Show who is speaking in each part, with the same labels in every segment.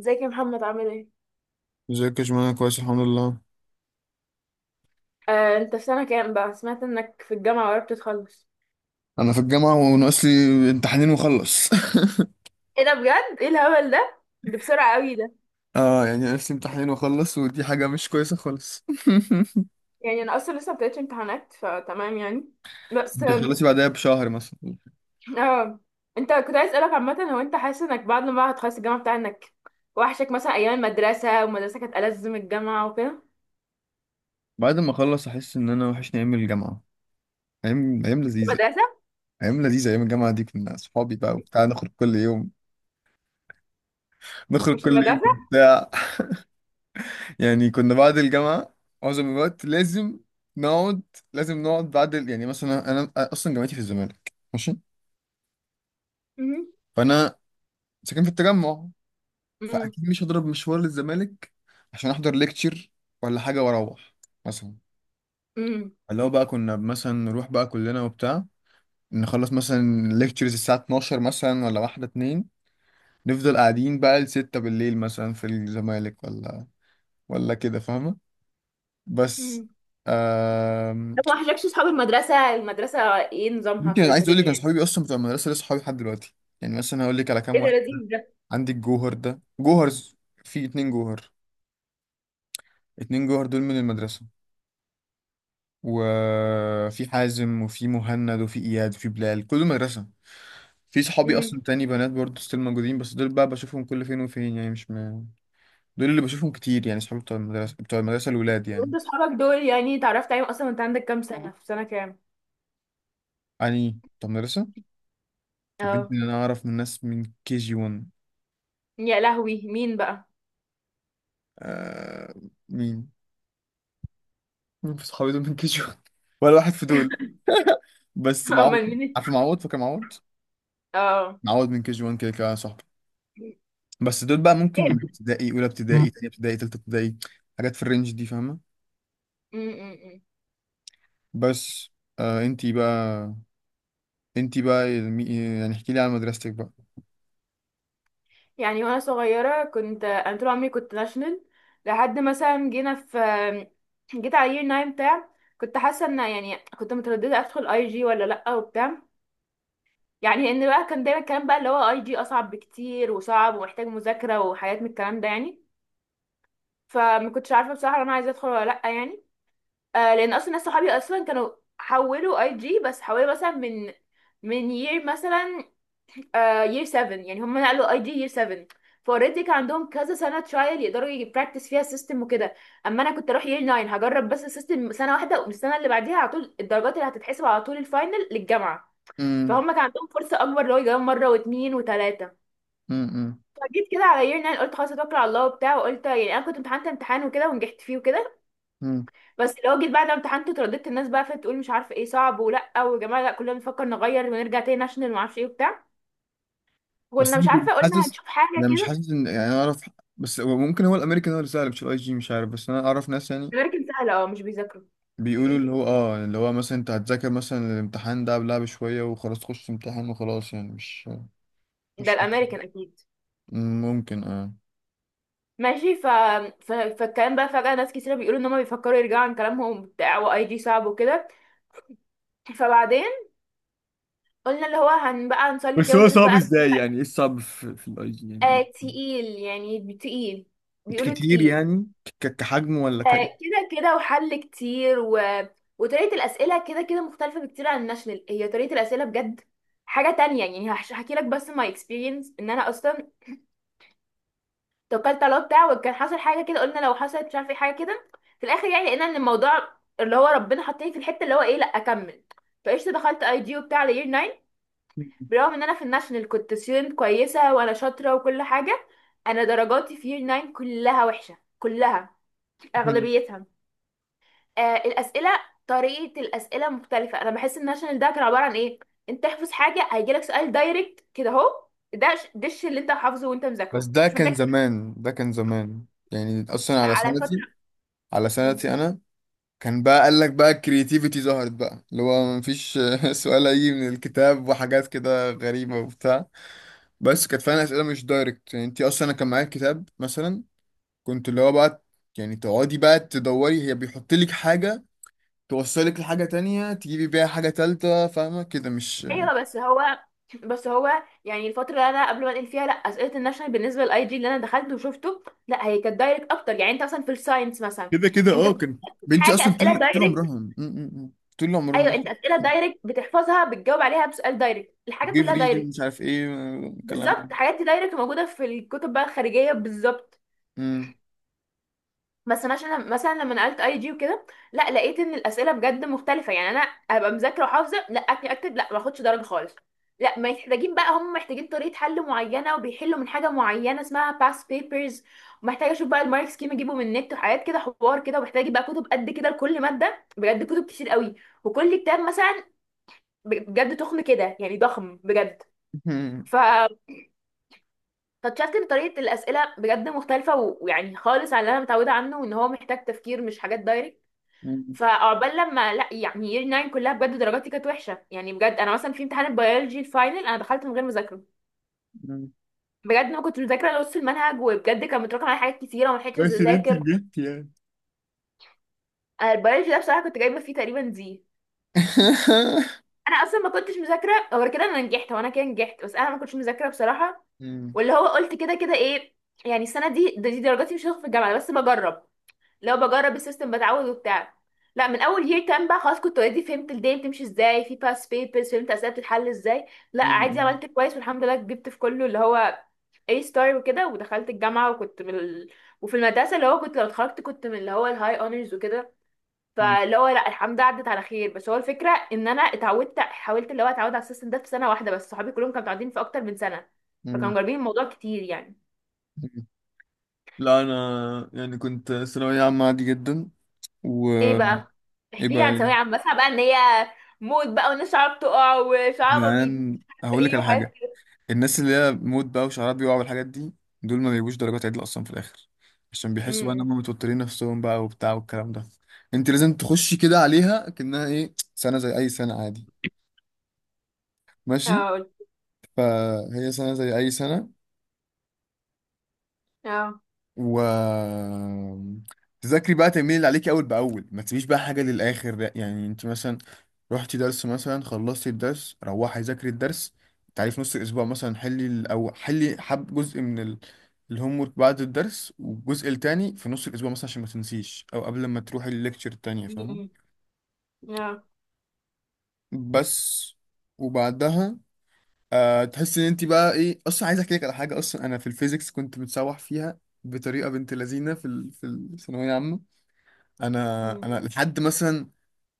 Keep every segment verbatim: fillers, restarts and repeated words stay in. Speaker 1: ازيك يا محمد؟ عامل ايه؟
Speaker 2: ازيك يا جماعة، كويس الحمد لله.
Speaker 1: آه، انت في سنة كام بقى؟ سمعت انك في الجامعة وقربت تخلص.
Speaker 2: انا في الجامعة وناقص لي امتحانين واخلص.
Speaker 1: ايه ده بجد؟ ايه الهبل ده؟ ده بسرعة قوي ده.
Speaker 2: اه يعني ناقص لي امتحانين واخلص، ودي حاجة مش كويسة خالص.
Speaker 1: يعني انا اصلا لسه مبدأتش امتحانات فتمام يعني. بس
Speaker 2: انت تخلصي بعدها بشهر مثلا.
Speaker 1: اه، انت كنت عايز اسألك. عامة هو انت حاسس انك بعد ما بقى هتخلص الجامعة بتاع، انك وحشك مثلا ايام المدرسة، والمدرسة كانت ألذ من الجامعة وكده؟
Speaker 2: بعد ما اخلص احس ان انا وحشني ايام الجامعة، ايام ايام لذيذة.
Speaker 1: المدرسة؟
Speaker 2: ايام لذيذة، ايام الجامعة دي كنا صحابي بقى وبتاع، نخرج كل يوم نخرج
Speaker 1: مش
Speaker 2: كل يوم
Speaker 1: المدرسة؟
Speaker 2: بتاع. يعني كنا بعد الجامعة معظم الوقت لازم نقعد لازم نقعد بعد ال... يعني مثلا انا أنا اصلا جامعتي في الزمالك ماشي،
Speaker 1: مم.
Speaker 2: فانا ساكن في التجمع،
Speaker 1: مم.
Speaker 2: فاكيد مش هضرب مشوار للزمالك عشان احضر ليكتشر ولا حاجه واروح مثلا.
Speaker 1: مم.
Speaker 2: اللي هو بقى كنا مثلا نروح بقى كلنا وبتاع، نخلص مثلا ليكتشرز الساعه اتناشر مثلا ولا واحده اتنين، نفضل قاعدين بقى لستة بالليل مثلا في الزمالك ولا ولا كده، فاهمه؟ بس
Speaker 1: مم.
Speaker 2: آم...
Speaker 1: طب ما وحشكش اصحاب المدرسة؟ المدرسة ايه نظامها
Speaker 2: يمكن
Speaker 1: في
Speaker 2: عايز اقول لك انا
Speaker 1: الدنيا؟
Speaker 2: صحابي اصلا بتوع المدرسه لسه صحابي لحد دلوقتي. يعني مثلا هقول لك على كام
Speaker 1: ايه ده
Speaker 2: واحد.
Speaker 1: لذيذ.
Speaker 2: عندي الجوهر ده جوهرز، في اتنين جوهر، اتنين جوهر دول من المدرسه، وفي حازم وفي مهند وفي اياد وفي بلال، كله مدرسه. في صحابي
Speaker 1: ده؟
Speaker 2: اصلا تاني بنات برضه ستيل موجودين، بس دول بقى بشوفهم كل فين وفين، يعني مش م... دول اللي بشوفهم كتير، يعني صحابي بتوع المدرسه، بتوع المدرسه الولاد
Speaker 1: وانت
Speaker 2: يعني.
Speaker 1: اصحابك دول يعني اتعرفت عليهم اصلا وانت عندك كام سنة؟ في سنة كام؟
Speaker 2: يعني بتوع المدرسه البنت
Speaker 1: اه.
Speaker 2: اللي انا اعرف، من ناس من كي جي واحد.
Speaker 1: يا لهوي، مين بقى؟
Speaker 2: آه... مين مين في صحابي دول من كي جي واحد؟ ولا واحد في دول، بس معوض.
Speaker 1: امال مين؟
Speaker 2: عارف معوض؟ فاكر معوض؟
Speaker 1: اه.
Speaker 2: معوض من كي جي واحد كده كده صاحبي. بس دول بقى ممكن من ابتدائي، اولى ابتدائي، تانية ابتدائي، تالتة ابتدائي، حاجات في الرينج دي، فاهمه؟
Speaker 1: م-م-م.
Speaker 2: بس آه، انتي بقى انتي بقى المي- يعني احكي لي عن مدرستك بقى.
Speaker 1: يعني وانا صغيرة كنت، انا طول عمري كنت ناشونال، لحد مثلا جينا في، جيت على يير ناين بتاع، كنت حاسة ان يعني كنت مترددة ادخل اي جي ولا لأ وبتاع. يعني ان بقى كان دايما الكلام بقى اللي هو اي جي اصعب بكتير، وصعب ومحتاج مذاكرة وحاجات من الكلام ده يعني. فما كنتش عارفة بصراحة انا عايزة ادخل ولا لأ يعني. آه، لان اصلا ناس صحابي اصلا كانوا حولوا اي جي، بس حولوا مثلا من من year مثلا، آه year سفن، يعني هم نقلوا اي جي year سفن. فاوريدي كان عندهم كذا سنه ترايل يقدروا يبراكتس فيها السيستم وكده. اما انا كنت اروح year تسعة هجرب بس السيستم سنه واحده، ومن السنه اللي بعديها على طول الدرجات اللي هتتحسب على طول الفاينل للجامعه.
Speaker 2: امم،
Speaker 1: فهم كان عندهم فرصه اكبر لو يجربوا مره واثنين وثلاثه.
Speaker 2: امم
Speaker 1: فجيت كده على year ناين، قلت خلاص اتوكل على الله وبتاع، وقلت يعني انا كنت امتحنت امتحان وكده ونجحت فيه وكده.
Speaker 2: امم
Speaker 1: بس لو جيت بعد ما امتحنت اترددت الناس بقى، فتقول مش عارفه ايه، صعب، ولا وجماعه لا كلنا بنفكر نغير ونرجع تاني ناشونال وما اعرفش ايه وبتاع.
Speaker 2: بس
Speaker 1: كنا
Speaker 2: أنا
Speaker 1: مش
Speaker 2: كنت
Speaker 1: عارفه، قلنا
Speaker 2: حاسس،
Speaker 1: هنشوف حاجه
Speaker 2: يعني مش
Speaker 1: كده.
Speaker 2: حاسس ان يعني أنا اعرف، بس هو ممكن هو الامريكان هو اللي سهل، مش الاي جي، مش عارف، بس انا اعرف ناس يعني
Speaker 1: الامريكان سهله اه، مش بيذاكروا.
Speaker 2: بيقولوا اللي هو اه، يعني اللي هو مثلا انت هتذاكر مثلا الامتحان ده قبلها بشويه وخلاص، تخش امتحان وخلاص، يعني مش
Speaker 1: ده
Speaker 2: مش
Speaker 1: الامريكان اكيد.
Speaker 2: ممكن اه.
Speaker 1: ماشي، ف... ف... فالكلام بقى فجاه ناس كتير بيقولوا ان هم بيفكروا يرجعوا عن كلامهم بتاع، واي جي صعب وكده. فبعدين قلنا اللي هو هن بقى نصلي
Speaker 2: بس
Speaker 1: كده
Speaker 2: هو
Speaker 1: ونشوف
Speaker 2: صعب
Speaker 1: بقى.
Speaker 2: ازاي؟ يعني ايه الصعب في, في الاي جي يعني؟
Speaker 1: آه تقيل، يعني تقيل، بيقولوا
Speaker 2: كتير
Speaker 1: تقيل.
Speaker 2: يعني؟ ك- كحجم ولا؟
Speaker 1: آه، كده كده وحل كتير و... وطريقة الأسئلة كده كده مختلفة بكتير عن الناشونال، هي طريقة الأسئلة بجد حاجة تانية. يعني هحش- هحكي لك بس ماي اكسبيرينس إن أنا أصلا توكلت على الله بتاع وكان حصل حاجة كده قلنا لو حصلت مش عارفة ايه حاجة كده. في الآخر يعني لقينا إن الموضوع اللي هو ربنا حطني في الحتة اللي هو إيه، لأ أكمل. فقشطة دخلت أي جي وبتاع على يير ناين. برغم إن أنا في الناشونال كنت ستودنت كويسة وأنا شاطرة وكل حاجة، أنا درجاتي في يير ناين كلها وحشة، كلها
Speaker 2: ك
Speaker 1: أغلبيتها. آه الاسئله، طريقه الاسئله مختلفه. انا بحس ان ناشونال ده كان عباره عن ايه؟ انت احفظ حاجه هيجيلك سؤال دايركت كده اهو. ده ش- ده الش اللي انت حافظه وانت
Speaker 2: بس
Speaker 1: مذاكره
Speaker 2: ده
Speaker 1: مش محتاج
Speaker 2: كان
Speaker 1: تفهم.
Speaker 2: زمان ده كان زمان يعني اصلا على
Speaker 1: على
Speaker 2: سنتي،
Speaker 1: الفتره،
Speaker 2: على
Speaker 1: مم.
Speaker 2: سنتي انا كان بقى قال لك بقى الكرياتيفيتي ظهرت بقى، اللي هو مفيش سؤال هيجي من الكتاب، وحاجات كده غريبة وبتاع. بس كانت فعلا اسئلة مش دايركت. يعني انت اصلا، انا كان معايا كتاب مثلا، كنت اللي هو بقى يعني تقعدي بقى تدوري، هي بيحط لك حاجة، توصلك لحاجة تانية، تجيبي بيها حاجة تالتة، فاهمة كده؟ مش
Speaker 1: ايوه بس هو، بس هو يعني الفتره اللي انا قبل ما انقل فيها، لا اسئله الناشونال بالنسبه للاي جي اللي انا دخلته وشفته، لا هي كانت دايركت اكتر. يعني انت مثلا في الساينس مثلا،
Speaker 2: كده كده
Speaker 1: انت
Speaker 2: اه،
Speaker 1: كنت
Speaker 2: كان بنتي
Speaker 1: حاجه
Speaker 2: اصلا
Speaker 1: اسئله
Speaker 2: طول طول
Speaker 1: دايركت.
Speaker 2: عمرهم م- م- م. طول عمرهم
Speaker 1: ايوه،
Speaker 2: نفس،
Speaker 1: انت اسئله دايركت بتحفظها بتجاوب عليها بسؤال دايركت، الحاجه
Speaker 2: وجيف
Speaker 1: كلها
Speaker 2: ريزون
Speaker 1: دايركت.
Speaker 2: مش عارف ايه الكلام ده.
Speaker 1: بالظبط، حاجات دي دايركت موجوده في الكتب بقى الخارجيه، بالظبط.
Speaker 2: مم.
Speaker 1: بس انا عشان مثلا لما نقلت اي جي وكده، لا لقيت ان الاسئله بجد مختلفه. يعني انا ابقى مذاكره وحافظه، لا اجي اكتب، لا ما اخدش درجه خالص. لا محتاجين بقى، هم محتاجين طريقه حل معينه، وبيحلوا من حاجه معينه اسمها باس بيبرز. ومحتاجه اشوف بقى المارك سكيم، اجيبه من النت وحاجات كده حوار كده. ومحتاجه بقى كتب قد كده لكل ماده، بجد كتب كتير قوي. وكل كتاب مثلا بجد تخن كده، يعني ضخم بجد.
Speaker 2: مم.
Speaker 1: ف فاكتشفت ان طريقة الأسئلة بجد مختلفة و- ويعني خالص عن اللي انا متعودة عنه، وان هو محتاج تفكير مش حاجات دايركت.
Speaker 2: مم.
Speaker 1: فعقبال لما لا، يعني يير ناين كلها بجد درجاتي كانت وحشة يعني بجد. انا مثلا في امتحان البيولوجي الفاينل انا دخلت من غير مذاكرة،
Speaker 2: مم.
Speaker 1: بجد ما كنت مذاكرة نص المنهج، وبجد كان متراكم على حاجات كتيرة وما لحقتش
Speaker 2: بس ان انت
Speaker 1: اذاكر.
Speaker 2: جبت يعني.
Speaker 1: أنا البيولوجي ده بصراحة كنت جايبة فيه تقريبا دي. انا اصلا ما كنتش مذاكرة غير كده، انا نجحت وانا كده نجحت، بس انا ما كنتش مذاكرة بصراحة.
Speaker 2: مم.
Speaker 1: واللي هو قلت كده كده ايه، يعني السنة دي دي درجاتي مش هتاخد في الجامعة بس بجرب، لو بجرب السيستم بتعود وبتاع. لا من اول year عشرة بقى خلاص كنت اوريدي فهمت الدنيا بتمشي ازاي، في past papers فهمت اسئله بتتحل ازاي، لا عادي
Speaker 2: مم.
Speaker 1: عملت كويس والحمد لله جبت في كله اللي هو A star وكده، ودخلت الجامعه، وكنت من ال... وفي المدرسه اللي هو كنت لو اتخرجت كنت من اللي هو الهاي اونرز وكده.
Speaker 2: مم.
Speaker 1: فاللي هو لا الحمد لله عدت على خير. بس هو الفكره ان انا اتعودت، حاولت اللي هو اتعود على السيستم ده في سنه واحده، بس صحابي كلهم كانوا متعودين في اكتر من سنه، فكانوا
Speaker 2: مم.
Speaker 1: جربين الموضوع كتير يعني.
Speaker 2: مم. لا انا يعني كنت ثانوية عامة عادي جدا، و
Speaker 1: ايه بقى؟
Speaker 2: ايه
Speaker 1: احكي لي
Speaker 2: بقى
Speaker 1: عن ثانوية
Speaker 2: يا
Speaker 1: عامة، بسمع بقى ان هي موت بقى، والناس شعرها بتقع وشعرها ما بيت،
Speaker 2: جدعان، هقول لك
Speaker 1: ايه
Speaker 2: على حاجة.
Speaker 1: وحاجات كده؟
Speaker 2: الناس اللي هي موت بقى وشعرها بيقع والحاجات دي، دول ما بيجيبوش درجات عدل اصلا في الاخر، عشان بيحسوا بقى ان
Speaker 1: امم.
Speaker 2: هم متوترين نفسهم بقى وبتاع والكلام ده. انت لازم تخشي كده عليها كأنها ايه، سنة زي اي سنة عادي، ماشي؟
Speaker 1: اه.
Speaker 2: فهي سنة زي أي سنة.
Speaker 1: اه.
Speaker 2: و تذاكري بقى، تعملي اللي عليكي أول بأول، ما تسيبيش بقى حاجة للآخر لأ. يعني أنت مثلا رحتي درس مثلا، خلصتي الدرس روحي ذاكري الدرس، تعالي في نص الأسبوع مثلا حلي ال- أو حلي حب جزء من ال... الهوم ورك بعد الدرس، والجزء التاني في نص الأسبوع مثلا عشان ما تنسيش، أو قبل ما تروحي الليكتشر التانية،
Speaker 1: امم امم.
Speaker 2: فاهمة؟
Speaker 1: اه.
Speaker 2: بس وبعدها أه، تحس ان انت بقى ايه. اصلا عايز احكي لك على حاجه، اصلا انا في الفيزيكس كنت متسوح فيها بطريقه بنت لذينه في ال... في الثانويه العامه. انا
Speaker 1: امم
Speaker 2: انا لحد مثلا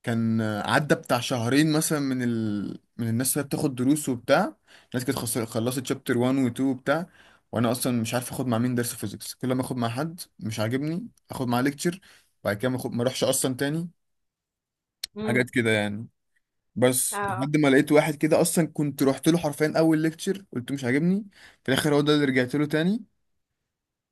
Speaker 2: كان عدى بتاع شهرين مثلا من ال... من الناس اللي بتاخد دروس وبتاع، الناس كانت خلص- خلصت شابتر واحد و2 وبتاع، وانا اصلا مش عارف اخد مع مين درس فيزيكس، كل ما اخد مع حد مش عاجبني اخد معاه ليكتشر بعد كده ما آخد- ما اروحش اصلا تاني، حاجات
Speaker 1: امم.
Speaker 2: كده يعني. بس
Speaker 1: اه.
Speaker 2: لحد ما لقيت واحد كده، اصلا كنت رحت له حرفيا اول ليكتشر قلت مش عاجبني، في الاخر هو ده اللي رجعت له تاني.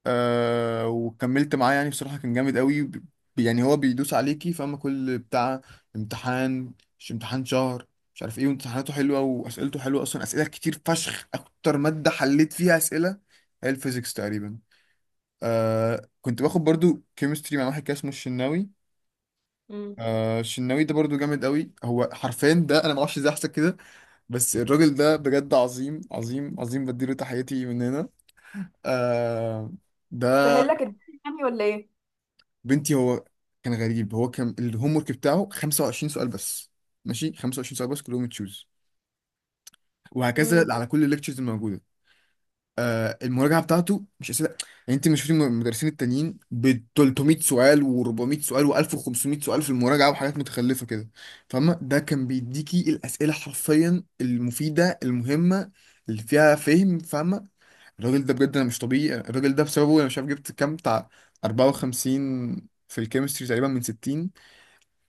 Speaker 2: آه، وكملت معاه، يعني بصراحه كان جامد قوي. ب- يعني هو بيدوس عليكي، فاهمه كل بتاع امتحان، مش امتحان شهر مش عارف ايه وامتحاناته حلوه واسئلته حلوه، اصلا اسئله كتير فشخ. اكتر ماده حليت فيها اسئله هي الفيزيكس تقريبا. آه، كنت باخد برضو كيمستري مع واحد كده اسمه الشناوي.
Speaker 1: امم.
Speaker 2: آه، الشناوي ده برضو جامد قوي، هو حرفيا ده انا ما اعرفش ازاي احسب كده، بس الراجل ده بجد عظيم عظيم عظيم، بديله تحياتي من هنا. آه، ده
Speaker 1: سهل لك الدنيا يعني ولا ايه؟
Speaker 2: بنتي هو كان غريب، هو كان الهوم ورك بتاعه خمسة وعشرين سؤال بس، ماشي؟ خمسة وعشرين سؤال بس كلهم تشوز،
Speaker 1: امم.
Speaker 2: وهكذا على كل الليكتشرز الموجوده. آه، المراجعه بتاعته مش اسئله، يعني انت مش شفتي المدرسين التانيين ب تلتمية سؤال و400 سؤال و1500 سؤال في المراجعه وحاجات متخلفه كده، فاهمه؟ ده كان بيديكي الاسئله حرفيا المفيده المهمه، اللي فيها فهم، فاهمه؟ الراجل ده بجد، انا مش طبيعي، الراجل ده بسببه انا مش عارف جبت كام بتاع اربعة وخمسين في الكيمستري تقريبا، من ستين.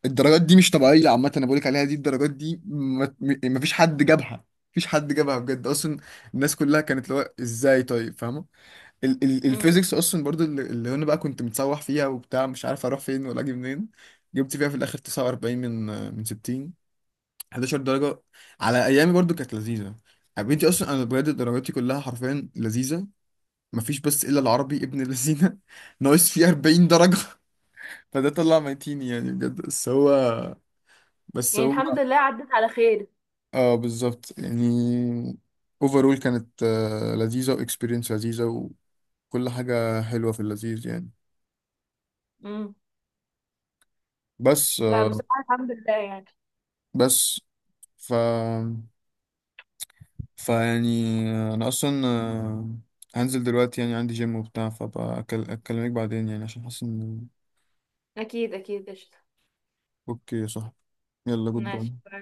Speaker 2: الدرجات دي مش طبيعيه عامه، انا بقولك عليها، دي الدرجات دي ما ما فيش حد جابها، مفيش حد جابها بجد اصلا، الناس كلها كانت اللي هو ازاي؟ طيب، فاهمه؟ ال ال
Speaker 1: امم امم.
Speaker 2: الفيزيكس اصلا برضو، اللي اللي انا بقى كنت متسوح فيها وبتاع، مش عارف اروح فين ولا اجي منين، جبت فيها في الاخر تسعة واربعين من من ستين، احداشر درجه. على ايامي برضو كانت لذيذه. يا بنتي اصلا انا بجد درجاتي كلها حرفيا لذيذه، مفيش بس الا العربي ابن الذين ناقص فيه اربعين درجة. فده طلع ميتيني يعني بجد. بس هو بس
Speaker 1: يعني
Speaker 2: هو
Speaker 1: الحمد لله عدت على خير.
Speaker 2: اه، بالظبط يعني. اوفرول كانت آه، لذيذة، واكسبيرينس لذيذة، وكل حاجة حلوة في اللذيذ يعني.
Speaker 1: امم.
Speaker 2: بس
Speaker 1: لا
Speaker 2: آه،
Speaker 1: بصراحة الحمد لله يعني.
Speaker 2: بس ف فيعني انا اصلا آه، هنزل دلوقتي، يعني عندي جيم وبتاع، فبقى أكل- اكلمك بعدين يعني، عشان حاسس ان...
Speaker 1: اكيد اكيد، قشطة.
Speaker 2: اوكي، صح، يلا جود باي.
Speaker 1: ماشي.